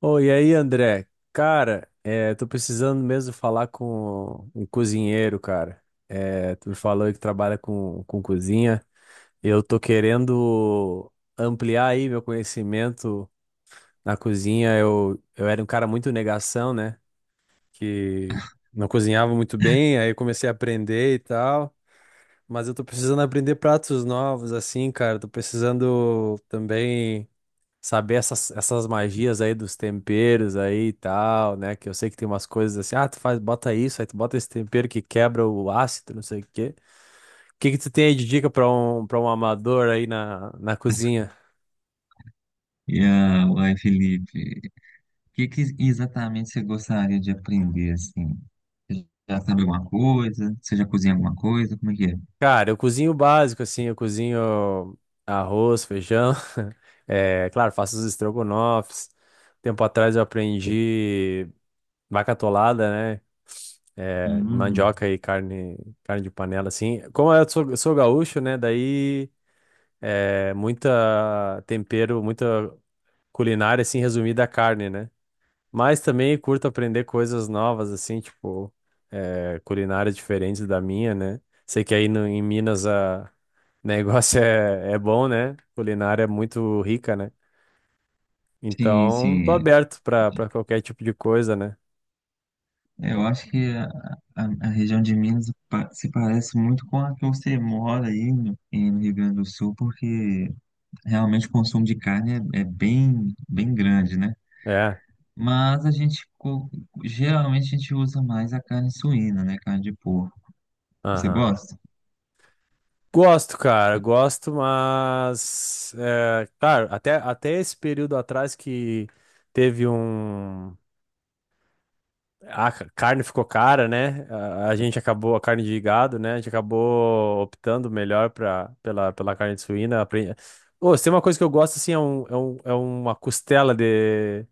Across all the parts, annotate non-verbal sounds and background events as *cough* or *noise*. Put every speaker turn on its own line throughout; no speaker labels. Oi, e aí, André? Cara, tô precisando mesmo falar com um cozinheiro, cara. É, tu me falou aí que trabalha com cozinha. Eu tô querendo ampliar aí meu conhecimento na cozinha. Eu era um cara muito negação, né? Que Não cozinhava muito bem, aí eu comecei a aprender e tal. Mas eu tô precisando aprender pratos novos, assim, cara. Tô precisando também saber essas magias aí dos temperos aí e tal, né? Que eu sei que tem umas coisas assim, ah, tu faz, bota isso, aí tu bota esse tempero que quebra o ácido, não sei o quê. O que que tu tem aí de dica pra para um amador aí na cozinha?
Uai, Felipe, o que que exatamente você gostaria de aprender, assim? Você já sabe alguma coisa? Você já cozinha alguma coisa? Como é que é?
Cara, eu cozinho o básico, assim, eu cozinho arroz, feijão, *laughs* é, claro, faço os estrogonofes. Tempo atrás eu aprendi vaca atolada, né? É,
Hum,
mandioca e carne, carne de panela, assim. Como eu sou gaúcho, né? Daí é, muita tempero, muita culinária, assim, resumida à carne, né? Mas também curto aprender coisas novas, assim, tipo, é, culinárias diferentes da minha, né? Sei que aí no, em Minas a *laughs* negócio é, é bom, né? Culinária é muito rica, né?
sim,
Então,
sim.
tô
É.
aberto pra qualquer tipo de coisa, né?
Eu acho que a região de Minas se parece muito com a que você mora aí no Rio Grande do Sul, porque realmente o consumo de carne é, é bem, bem grande, né?
É,
Mas a gente, geralmente a gente usa mais a carne suína, né? Carne de porco. Você
aham.
gosta?
Gosto, cara, gosto, mas... É, claro, até esse período atrás que teve um carne ficou cara, né? A gente acabou, a carne de gado, né? A gente acabou optando melhor pela carne de suína. Ô, se tem uma coisa que eu gosto, assim, é uma costela de...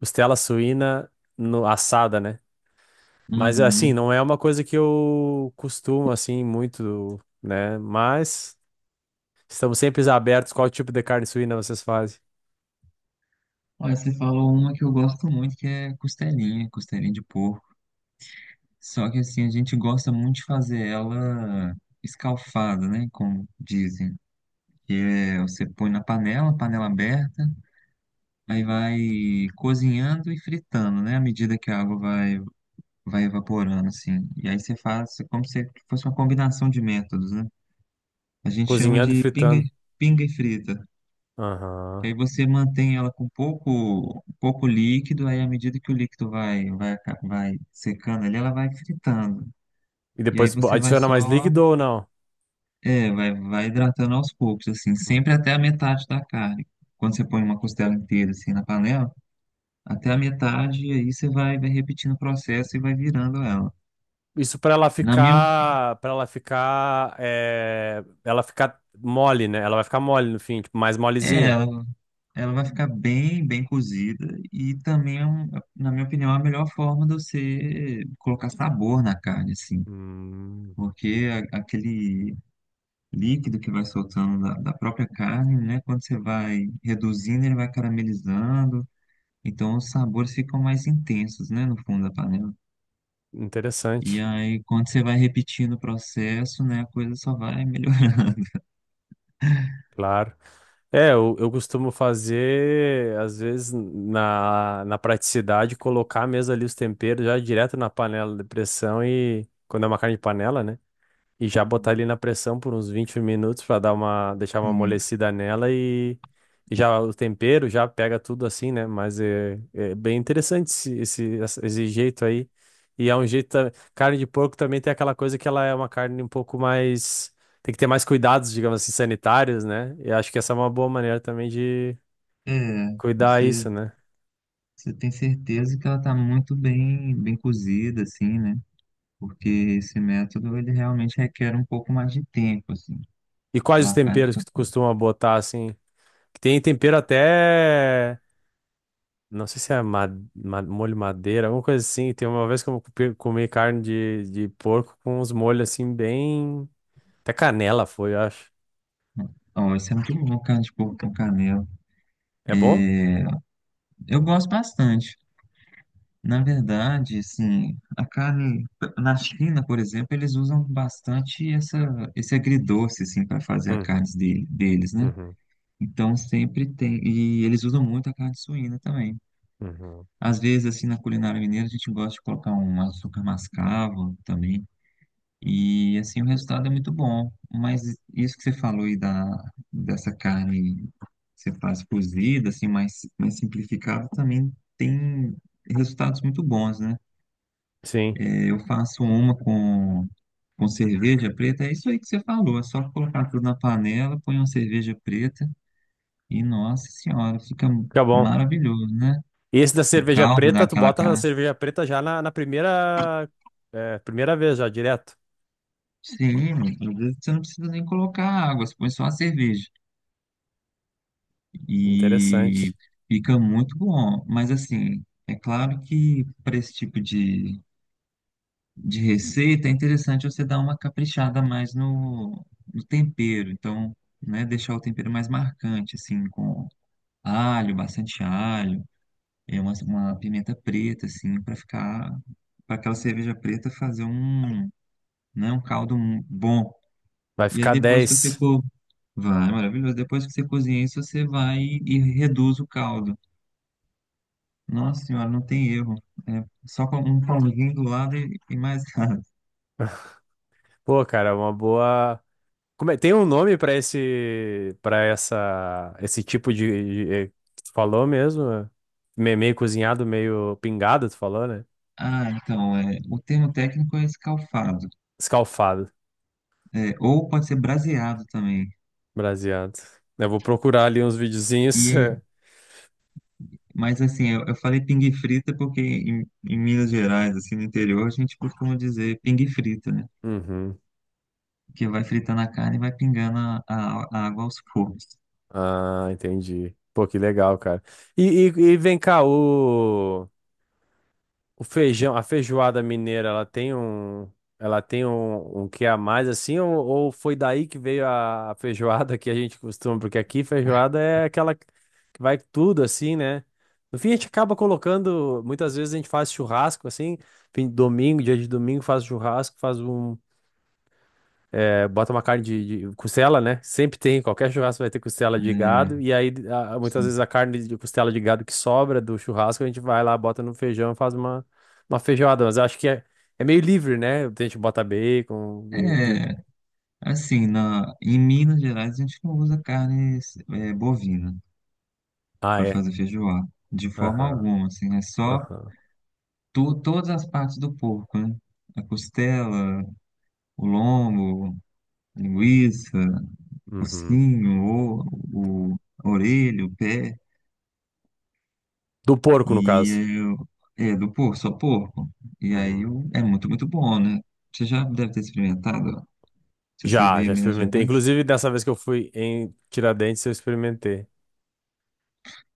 Costela suína no, assada, né? Mas, assim,
Uhum.
não é uma coisa que eu costumo, assim, muito, né? Mas estamos sempre abertos. Qual tipo de carne suína vocês fazem?
Olha, você falou uma que eu gosto muito, que é costelinha, costelinha de porco. Só que assim, a gente gosta muito de fazer ela escalfada, né? Como dizem. Que é, você põe na panela, panela aberta, aí vai cozinhando e fritando, né? À medida que a água vai, vai evaporando, assim. E aí você faz como se fosse uma combinação de métodos, né? A gente chama
Cozinhando e
de pinga,
fritando.
e- pinga e frita. Que
Aham.
aí você mantém ela com pouco, pouco líquido, aí à medida que o líquido vai, vai secando ali, ela vai fritando.
E
E aí
depois
você vai
adiciona mais
só,
líquido ou não?
é, vai, vai hidratando aos poucos, assim, sempre até a metade da carne. Quando você põe uma costela inteira, assim, na panela, até a metade, e aí você vai, vai repetindo o processo e vai virando ela.
Isso
Na minha,
para ela ficar, é, ela ficar mole, né? Ela vai ficar mole no fim, tipo, mais
é,
molezinha.
ela, Ela vai ficar bem, bem cozida e também, na minha opinião, é a melhor forma de você colocar sabor na carne, assim.
Hum,
Porque aquele líquido que vai soltando da, da própria carne, né, quando você vai reduzindo, ele vai caramelizando, então os sabores ficam mais intensos, né, no fundo da panela. E
interessante,
aí, quando você vai repetindo o processo, né, a coisa só vai *laughs* melhorando.
claro. É, eu costumo fazer, às vezes, na praticidade, colocar mesmo ali os temperos já direto na panela de pressão e quando é uma carne de panela, né? E já botar ele
Uhum.
na pressão por uns 20 minutos pra dar uma, deixar uma
Sim.
amolecida nela e já o tempero já pega tudo assim, né? Mas é bem interessante esse jeito aí. E é um jeito. Carne de porco também tem aquela coisa que ela é uma carne um pouco mais. Tem que ter mais cuidados, digamos assim, sanitários, né? E acho que essa é uma boa maneira também de
É,
cuidar isso,
você,
né?
você tem certeza que ela está muito bem, bem cozida, assim, né? Porque esse método, ele realmente requer um pouco mais de tempo, assim.
E quais
Então
os
a carne
temperos
fica...
que tu costuma botar assim? Que Tem tempero até. Não sei se é molho madeira, alguma coisa assim. Tem uma vez que eu comi carne de porco com uns molhos assim, bem. Até canela foi, eu acho.
Ó, isso é muito bom, carne de porco com canela.
É bom?
Eu gosto bastante. Na verdade, assim, a carne na China, por exemplo, eles usam bastante essa, esse agridoce, assim, para fazer a carne
Uhum,
deles, né?
uhum,
Então sempre tem. E eles usam muito a carne suína também.
uhum.
Às vezes, assim, na culinária mineira, a gente gosta de colocar um açúcar mascavo também. E assim o resultado é muito bom. Mas isso que você falou aí da, dessa carne que você faz cozida, assim, mais, mais simplificada, também tem resultados muito bons, né?
Sim,
É, eu faço uma com cerveja preta, é isso aí que você falou, é só colocar tudo na panela, põe uma cerveja preta e, nossa senhora, fica
fica bom.
maravilhoso, né?
E esse da
O
cerveja
caldo
preta, tu
daquela
bota a
carne.
cerveja preta já na primeira, é, primeira vez, já direto.
Sim, às vezes você não precisa nem colocar água, você põe só a cerveja. E
Interessante.
fica muito bom. Mas assim, é claro que para esse tipo de receita é interessante você dar uma caprichada mais no, no tempero. Então, né, deixar o tempero mais marcante, assim, com alho, bastante alho, é uma pimenta preta, assim, para ficar, para aquela cerveja preta fazer um, né, um caldo bom.
Vai
E aí
ficar
depois que você
10.
co... Vai, maravilhoso. Depois que você cozinha isso, você vai e reduz o caldo. Nossa senhora, não tem erro. É só com um pauzinho do lado e mais *laughs* nada.
Pô, cara, é uma boa. Tem um nome pra esse para essa esse tipo é, que tu falou mesmo? É? Meio cozinhado, meio pingado, tu falou, né?
Ah, então, é, o termo técnico é escalfado.
Escalfado,
É, ou pode ser braseado também.
braseado. Eu vou procurar ali uns
E,
videozinhos. *laughs*
aí- mas assim, eu falei pingue frita porque em Minas Gerais, assim, no interior, a gente costuma dizer pingue frita, né?
Uhum.
Que vai fritando a carne e vai pingando a água aos poucos.
Ah, entendi. Pô, que legal, cara. E, e vem cá, o feijão, a feijoada mineira, ela tem um, ela tem um que a mais assim, ou foi daí que veio a feijoada que a gente costuma, porque aqui feijoada é aquela que vai tudo assim, né? No fim a gente acaba colocando, muitas vezes a gente faz churrasco assim, fim de domingo, dia de domingo faz churrasco, faz um é, bota uma carne de costela, né? Sempre tem, qualquer churrasco vai ter costela de
É,
gado. E aí, muitas
sim.
vezes, a carne de costela de gado que sobra do churrasco, a gente vai lá, bota no feijão e faz uma feijoada. Mas eu acho que é meio livre, né? A gente bota bacon.
É, assim, na, em Minas Gerais a gente não usa carne é, bovina.
Ah,
Para
é?
fazer feijoada. De forma
Aham,
alguma, assim, é só
aham,
tu, todas as partes do porco, né? A costela, o lombo, a linguiça, o
uhum.
focinho, o, o- a orelha, o pé,
Do porco, no
e
caso.
é, é do porco, só porco. E aí
Uhum.
é muito, muito bom, né? Você já deve ter experimentado, ó, se você
Já,
veio
já
em Minas
experimentei.
Gerais.
Inclusive, dessa vez que eu fui em Tiradentes, eu experimentei.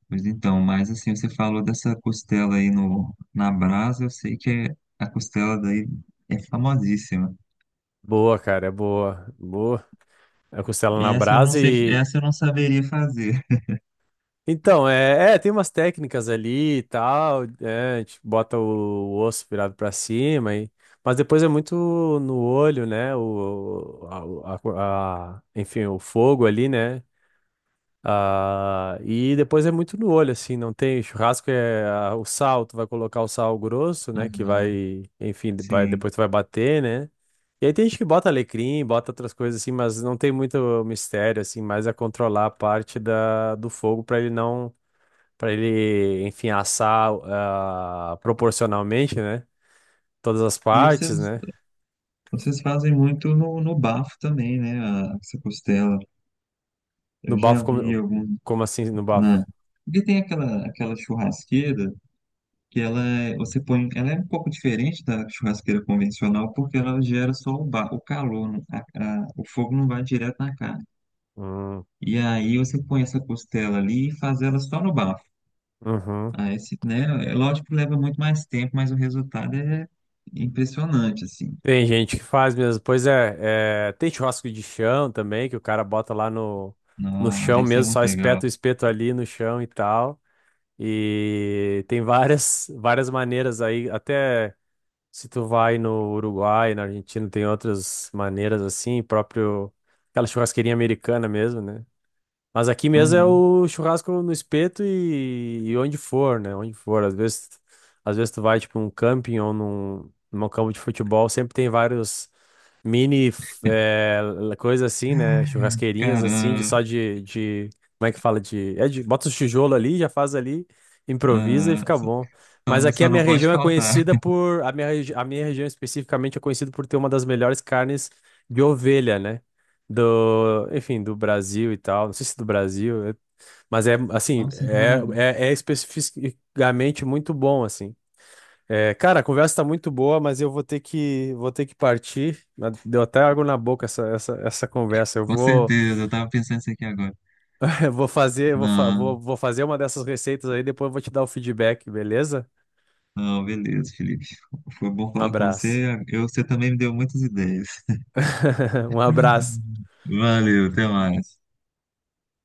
Pois então, mas assim, você falou dessa costela aí no, na brasa, eu sei que a costela daí é famosíssima.
Boa, cara, é boa. Boa. É costela na
Essa eu não
brasa
sei,
e
essa eu não saberia fazer.
então, tem umas técnicas ali e tal, é, a gente bota o osso virado pra cima, e, mas depois é muito no olho, né? O, a- Enfim, o fogo ali, né? Ah, e depois é muito no olho, assim, não tem churrasco, é ah, o sal, tu vai colocar o sal grosso, né? Que
Aham,
vai, enfim, vai,
sim.
depois tu vai bater, né? E aí tem gente que bota alecrim, bota outras coisas assim, mas não tem muito mistério, assim, mais a controlar a parte do fogo para ele não para ele, enfim, assar ah, proporcionalmente, né? Todas as
E
partes,
vocês,
né?
vocês fazem muito no, no bafo também, né? A, essa costela.
No
Eu já
bafo,
vi algum
como assim no bafo?
na. Porque tem aquela, aquela churrasqueira que ela você põe, ela é um pouco diferente da churrasqueira convencional porque ela gera só o, ba, o calor, o fogo não vai direto na carne.
Hum,
E aí você põe essa costela ali e faz ela só no bafo.
uhum.
Ah, esse, né? É lógico que leva muito mais tempo, mas o resultado é impressionante, assim.
Tem gente que faz mesmo. Pois é, é, tem churrasco de chão também, que o cara bota lá no
Nossa,
chão
deve ser
mesmo,
muito
só
legal.
espeta o espeto ali no chão e tal. E tem várias maneiras aí, até se tu vai no Uruguai, na Argentina, tem outras maneiras assim, próprio aquela churrasqueirinha americana mesmo, né? Mas aqui mesmo é
Aham.
o churrasco no espeto e onde for, né? Onde for. Às vezes tu vai, tipo, num camping ou num, num campo de futebol, sempre tem vários mini f- é, coisa assim, né? Churrasqueirinhas
Cara,
assim,
ah,
de como é que fala de bota os tijolo ali, já faz ali, improvisa e
ah,
fica bom. Mas aqui a
só
minha
não pode
região é
faltar.
conhecida
*laughs*
por a minha região especificamente é conhecida por ter uma das melhores carnes de ovelha, né? Do, enfim, do Brasil e tal. Não sei se do Brasil, mas é assim,
Nossa, que maravilha.
é especificamente muito bom assim. É, cara, a conversa tá muito boa, mas eu vou ter que partir. Deu até água na boca essa conversa. Eu
Com
vou,
certeza, eu tava pensando isso aqui agora.
*laughs* eu vou fazer, eu vou, fa- vou,
Não,
vou fazer uma dessas receitas aí, depois eu vou te dar o feedback, beleza?
não, beleza, Felipe. Foi bom
Um
falar com
abraço.
você. Eu, você também me deu muitas ideias.
*laughs* Um abraço.
*laughs* Valeu, até mais.